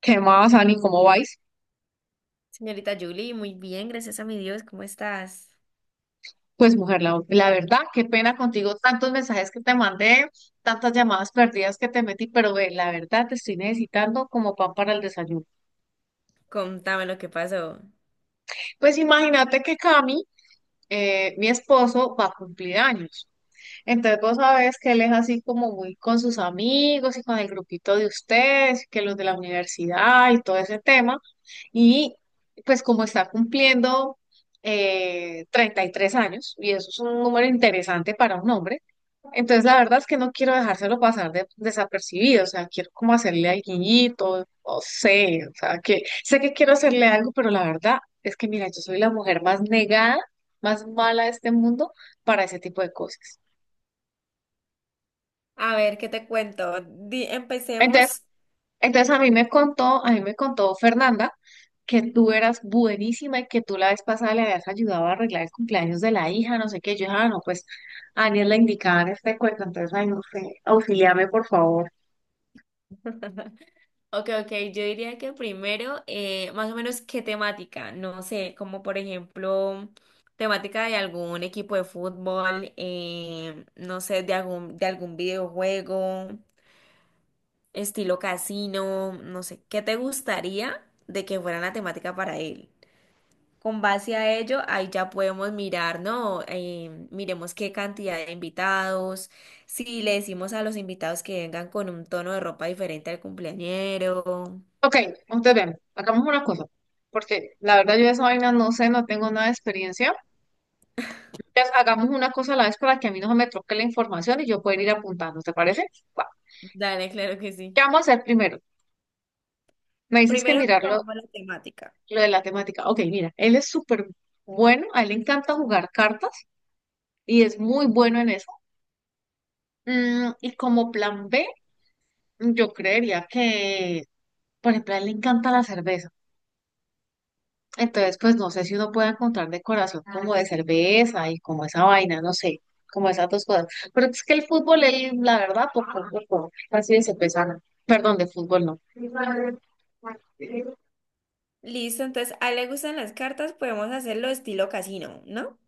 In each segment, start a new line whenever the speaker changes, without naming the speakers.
¿Qué más, Ani? ¿Cómo vais?
Señorita Julie, muy bien, gracias a mi Dios, ¿cómo estás?
Pues mujer, la verdad, qué pena contigo, tantos mensajes que te mandé, tantas llamadas perdidas que te metí, pero ve, la verdad te estoy necesitando como pan para el desayuno.
Contame lo que pasó.
Pues imagínate que Cami, mi esposo, va a cumplir años. Entonces vos sabés que él es así como muy con sus amigos y con el grupito de ustedes, que los de la universidad y todo ese tema. Y pues como está cumpliendo 33 años, y eso es un número interesante para un hombre, entonces la verdad es que no quiero dejárselo pasar desapercibido, o sea, quiero como hacerle al guiñito, no sé, o sea, que sé que quiero hacerle algo, pero la verdad es que mira, yo soy la mujer más negada, más mala de este mundo para ese tipo de cosas.
A ver, ¿qué te cuento?
Entonces,
Empecemos.
A mí me contó Fernanda que tú eras buenísima y que tú la vez pasada le habías ayudado a arreglar el cumpleaños de la hija, no sé qué. Yo dije, ah, no, pues a Aniel le indicaban este cuento, entonces, ay, no sé, auxíliame, por favor.
Ok, ok, yo diría que primero, más o menos, ¿qué temática? No sé, como por ejemplo, temática de algún equipo de fútbol, no sé, de algún videojuego, estilo casino, no sé, ¿qué te gustaría de que fuera la temática para él? Con base a ello, ahí ya podemos mirar, ¿no? Miremos qué cantidad de invitados, si le decimos a los invitados que vengan con un tono de ropa diferente al cumpleañero.
Ok, entonces bien, hagamos una cosa, porque la verdad yo de esa vaina no sé, no tengo nada de experiencia. Entonces hagamos una cosa a la vez para que a mí no se me troque la información y yo pueda ir apuntando, ¿te parece? Va.
Dale, claro que sí.
¿Qué vamos a hacer primero? Me dices que
Primero
mirarlo.
tomamos la temática.
Lo de la temática. Ok, mira, él es súper bueno, a él le encanta jugar cartas y es muy bueno en eso. Mm, y como plan B, yo creería que, por ejemplo, a él le encanta la cerveza. Entonces, pues no sé si uno puede encontrar decoración como de cerveza y como esa vaina, no sé, como esas dos cosas. Pero es que el fútbol, él, la verdad, poco, poco, así de cerveza, no. Perdón, de fútbol no.
Listo, entonces a él le gustan las cartas, podemos hacerlo estilo casino, ¿no?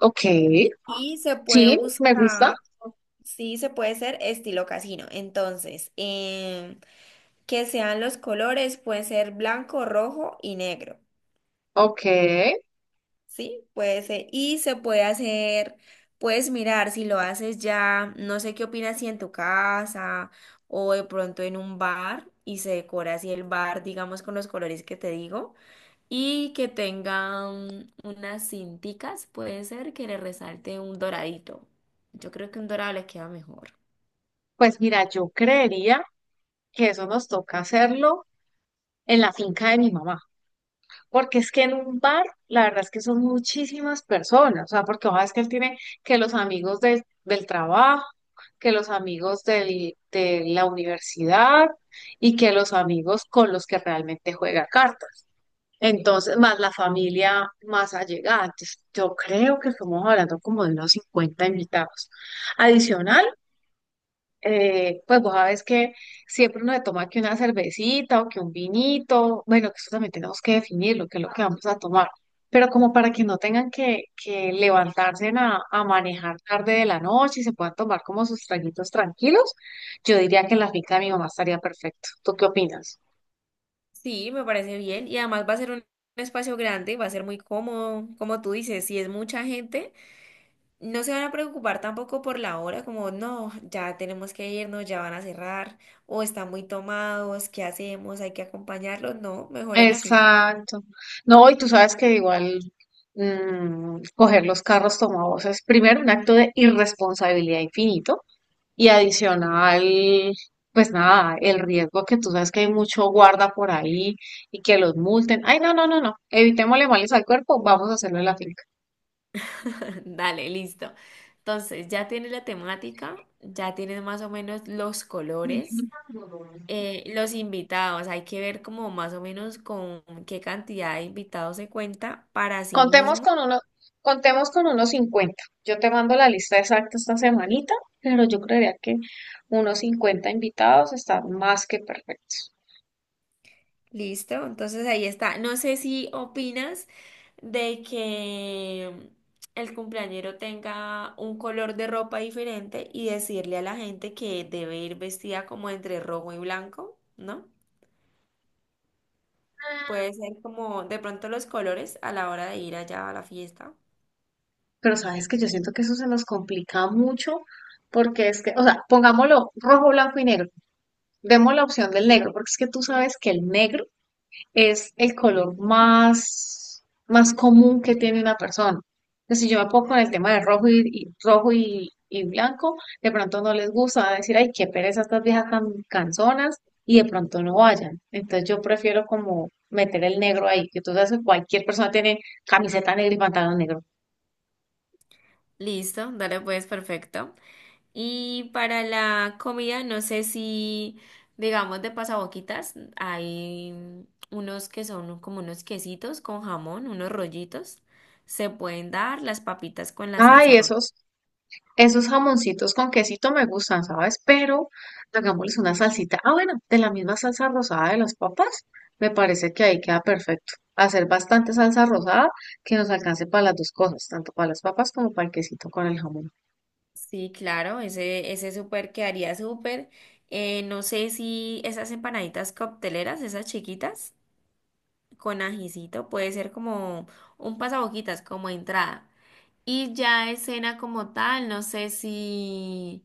Ok,
Y se puede
sí, me gusta.
buscar, sí, se puede ser estilo casino. Entonces, que sean los colores, puede ser blanco, rojo y negro.
Ok,
Sí, puede ser. Y se puede hacer, puedes mirar si lo haces ya, no sé qué opinas si en tu casa o de pronto en un bar y se decora así el bar, digamos, con los colores que te digo y que tengan unas cinticas, puede ser que le resalte un doradito. Yo creo que un dorado le queda mejor.
pues mira, yo creería que eso nos toca hacerlo en la finca de mi mamá, porque es que en un bar, la verdad es que son muchísimas personas, o sea, porque ojalá es que él tiene que los amigos del trabajo, que los amigos de la universidad y que los amigos con los que realmente juega cartas. Entonces, más la familia más allegada. Entonces, yo creo que estamos hablando como de unos 50 invitados. Adicional pues vos sabes que siempre uno le toma que una cervecita o que un vinito, bueno, que eso también tenemos que definirlo, que es lo que vamos a tomar, pero como para que no tengan que levantarse a manejar tarde de la noche y se puedan tomar como sus traguitos tranquilos, yo diría que la finca de mi mamá estaría perfecto. ¿Tú qué opinas?
Sí, me parece bien y además va a ser un espacio grande, va a ser muy cómodo, como tú dices, si es mucha gente. No se van a preocupar tampoco por la hora, como no, ya tenemos que irnos, ya van a cerrar, o están muy tomados, ¿qué hacemos? Hay que acompañarlos. No, mejor en la finca.
Exacto. No, y tú sabes que igual coger los carros tomados es primero un acto de irresponsabilidad infinito. Y adicional, pues nada, el riesgo que tú sabes que hay mucho guarda por ahí y que los multen. Ay, no, no, no, no. Evitémosle males al cuerpo, vamos a hacerlo en la finca.
Dale, listo. Entonces, ya tienes la temática, ya tienes más o menos los colores, los invitados. Hay que ver como más o menos con qué cantidad de invitados se cuenta para sí
Contemos
mismo.
con uno, contemos con unos 50. Yo te mando la lista exacta esta semanita, pero yo creería que unos 50 invitados están más que perfectos.
Listo, entonces ahí está. No sé si opinas de que el cumpleañero tenga un color de ropa diferente y decirle a la gente que debe ir vestida como entre rojo y blanco, ¿no? Puede ser como de pronto los colores a la hora de ir allá a la fiesta.
Pero sabes que yo siento que eso se nos complica mucho porque es que, o sea, pongámoslo rojo, blanco y negro. Demos la opción del negro, porque es que tú sabes que el negro es el color más común que tiene una persona. Entonces, si yo me pongo con el tema de rojo y blanco, de pronto no les gusta, van a decir, ay, qué pereza estas viejas tan canzonas, y de pronto no vayan. Entonces yo prefiero como meter el negro ahí, que tú sabes que cualquier persona tiene camiseta negra y pantalón negro.
Listo, dale pues, perfecto. Y para la comida, no sé si, digamos, de pasaboquitas, hay unos que son como unos quesitos con jamón, unos rollitos. Se pueden dar las papitas con la salsa
Ay,
roja.
eso. Esos jamoncitos con quesito me gustan, ¿sabes? Pero hagámosles una salsita. Ah, bueno, de la misma salsa rosada de las papas, me parece que ahí queda perfecto. Hacer bastante salsa rosada que nos alcance para las dos cosas, tanto para las papas como para el quesito con el jamón.
Sí, claro, ese súper quedaría súper. No sé si esas empanaditas cocteleras, esas chiquitas, con ajicito, puede ser como un pasaboquitas, como entrada. Y ya de cena como tal, no sé si.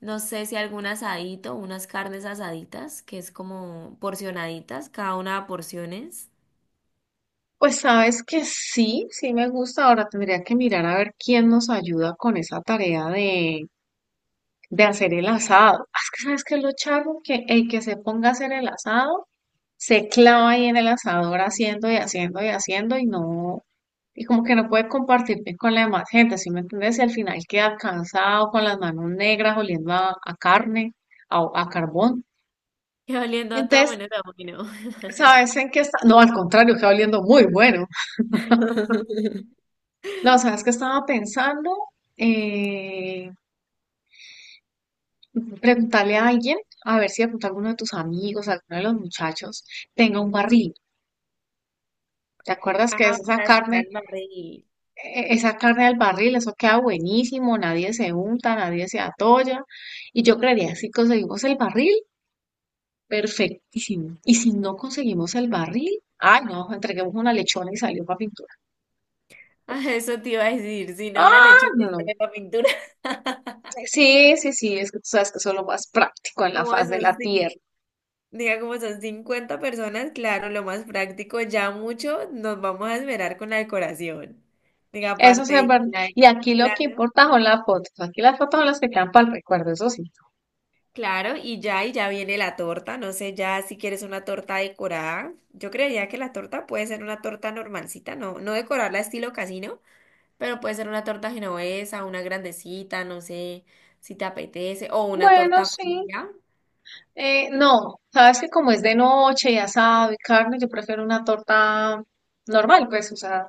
No sé si algún asadito, unas carnes asaditas, que es como porcionaditas, cada una a porciones.
Pues sabes que sí, sí me gusta. Ahora tendría que mirar a ver quién nos ayuda con esa tarea de hacer el asado. Ah, es que sabes que lo charro, que el que se ponga a hacer el asado se clava ahí en el asador haciendo y haciendo y haciendo y no, y como que no puede compartirte con la demás gente, ¿sí me entiendes? Y al final queda cansado, con las manos negras, oliendo a carne, a carbón.
Y oliendo a todo
Entonces,
menos a bueno.
¿sabes en qué está? No, al contrario, queda oliendo muy bueno. No, ¿sabes qué estaba pensando? Eh, Preguntarle a alguien, a ver si de pronto alguno de tus amigos, alguno de los muchachos, tenga un barril. ¿Te acuerdas que
Ah,
es
para sentar el barril.
esa carne del barril? Eso queda buenísimo, nadie se unta, nadie se atolla. Y yo creería, si conseguimos el barril, perfectísimo. Y si no conseguimos el barril, ay, no, entreguemos una lechona y salió para pintura.
Ah, eso te iba a decir, si no una
Ah,
lechona y
no.
sale la pintura.
Sí, sí, sí, es que tú sabes que eso es lo más práctico en la
Como
faz de
son,
la
cin-
tierra.
Diga, como son 50 personas, claro, lo más práctico, ya mucho nos vamos a esperar con la decoración. Diga,
Eso
aparte,
sí es verdad.
la-
Y aquí lo que importa son las fotos. Aquí las fotos son las que quedan para el recuerdo, eso sí.
claro, y ya viene la torta. No sé ya si quieres una torta decorada. Yo creería que la torta puede ser una torta normalcita, no, no decorarla estilo casino, pero puede ser una torta genovesa, una grandecita, no sé si te apetece, o una
Bueno,
torta
sí.
fría.
No, sabes que como es de noche y asado y carne, yo prefiero una torta normal, pues, o sea,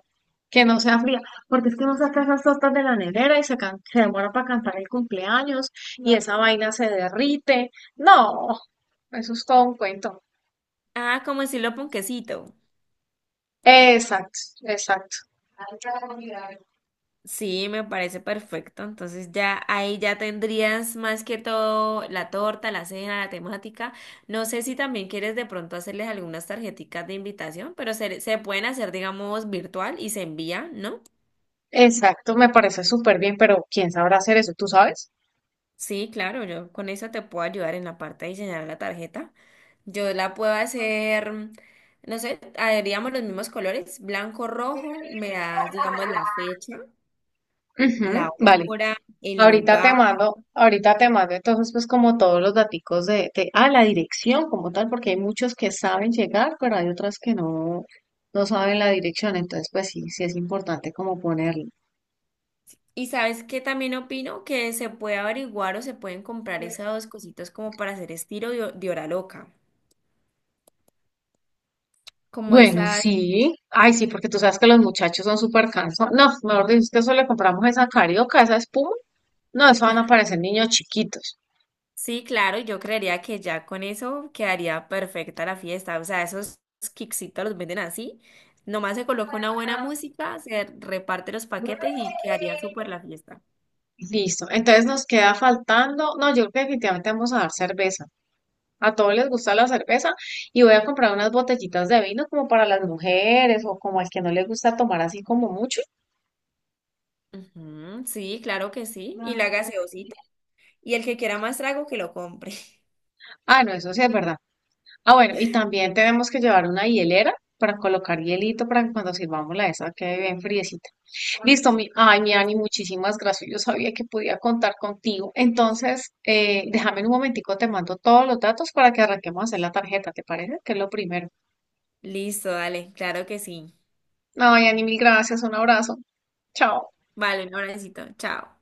que no sea fría, porque es que uno saca esas tortas de la nevera y se demora para cantar el cumpleaños y esa vaina se derrite. No, eso es todo un cuento.
Ah, como decirlo, ponquecito.
Exacto, exacto,
Sí, me parece perfecto. Entonces ya ahí ya tendrías más que todo la torta, la cena, la temática. No sé si también quieres de pronto hacerles algunas tarjeticas de invitación, pero se pueden hacer, digamos, virtual y se envía, ¿no?
exacto, me parece súper bien, pero ¿quién sabrá hacer eso? ¿Tú sabes?
Sí, claro, yo con eso te puedo ayudar en la parte de diseñar la tarjeta. Yo la puedo hacer, no sé, haríamos los mismos colores, blanco, rojo, me das, digamos, la fecha,
Ujú,
la
vale.
hora, el lugar.
Ahorita te mando entonces pues como todos los daticos la dirección como tal, porque hay muchos que saben llegar, pero hay otras que no, no saben la dirección, entonces pues sí, sí es importante como ponerlo.
Y sabes que también opino que se puede averiguar o se pueden comprar esas dos cositas como para hacer estilo de hora loca. Como
Bueno,
esas,
sí, ay sí, porque tú sabes que los muchachos son súper cansados. No, mejor dicho, es que eso le compramos esa carioca, esa espuma. No, eso van a parecer niños chiquitos.
sí, claro, yo creería que ya con eso quedaría perfecta la fiesta. O sea, esos kicksitos los venden así. Nomás se coloca una buena música, se reparte los paquetes y quedaría súper la fiesta.
Listo, entonces nos queda faltando, no, yo creo que definitivamente vamos a dar cerveza. A todos les gusta la cerveza y voy a comprar unas botellitas de vino como para las mujeres o como al que no le gusta tomar así como mucho.
Ujú, sí, claro que sí. Y la gaseosita. Y el que quiera más trago, que lo compre.
Ah, no, eso sí es verdad. Ah, bueno, y también tenemos que llevar una hielera para colocar hielito para que cuando sirvamos la esa quede bien friecita. Listo, mi, ay, mi Ani, muchísimas gracias. Yo sabía que podía contar contigo. Entonces, déjame en un momentico, te mando todos los datos para que arranquemos a hacer la tarjeta, ¿te parece? Que es lo primero.
Listo, dale, claro que sí.
Ay, Ani, mil gracias, un abrazo. Chao.
Vale, un abracito. Chao.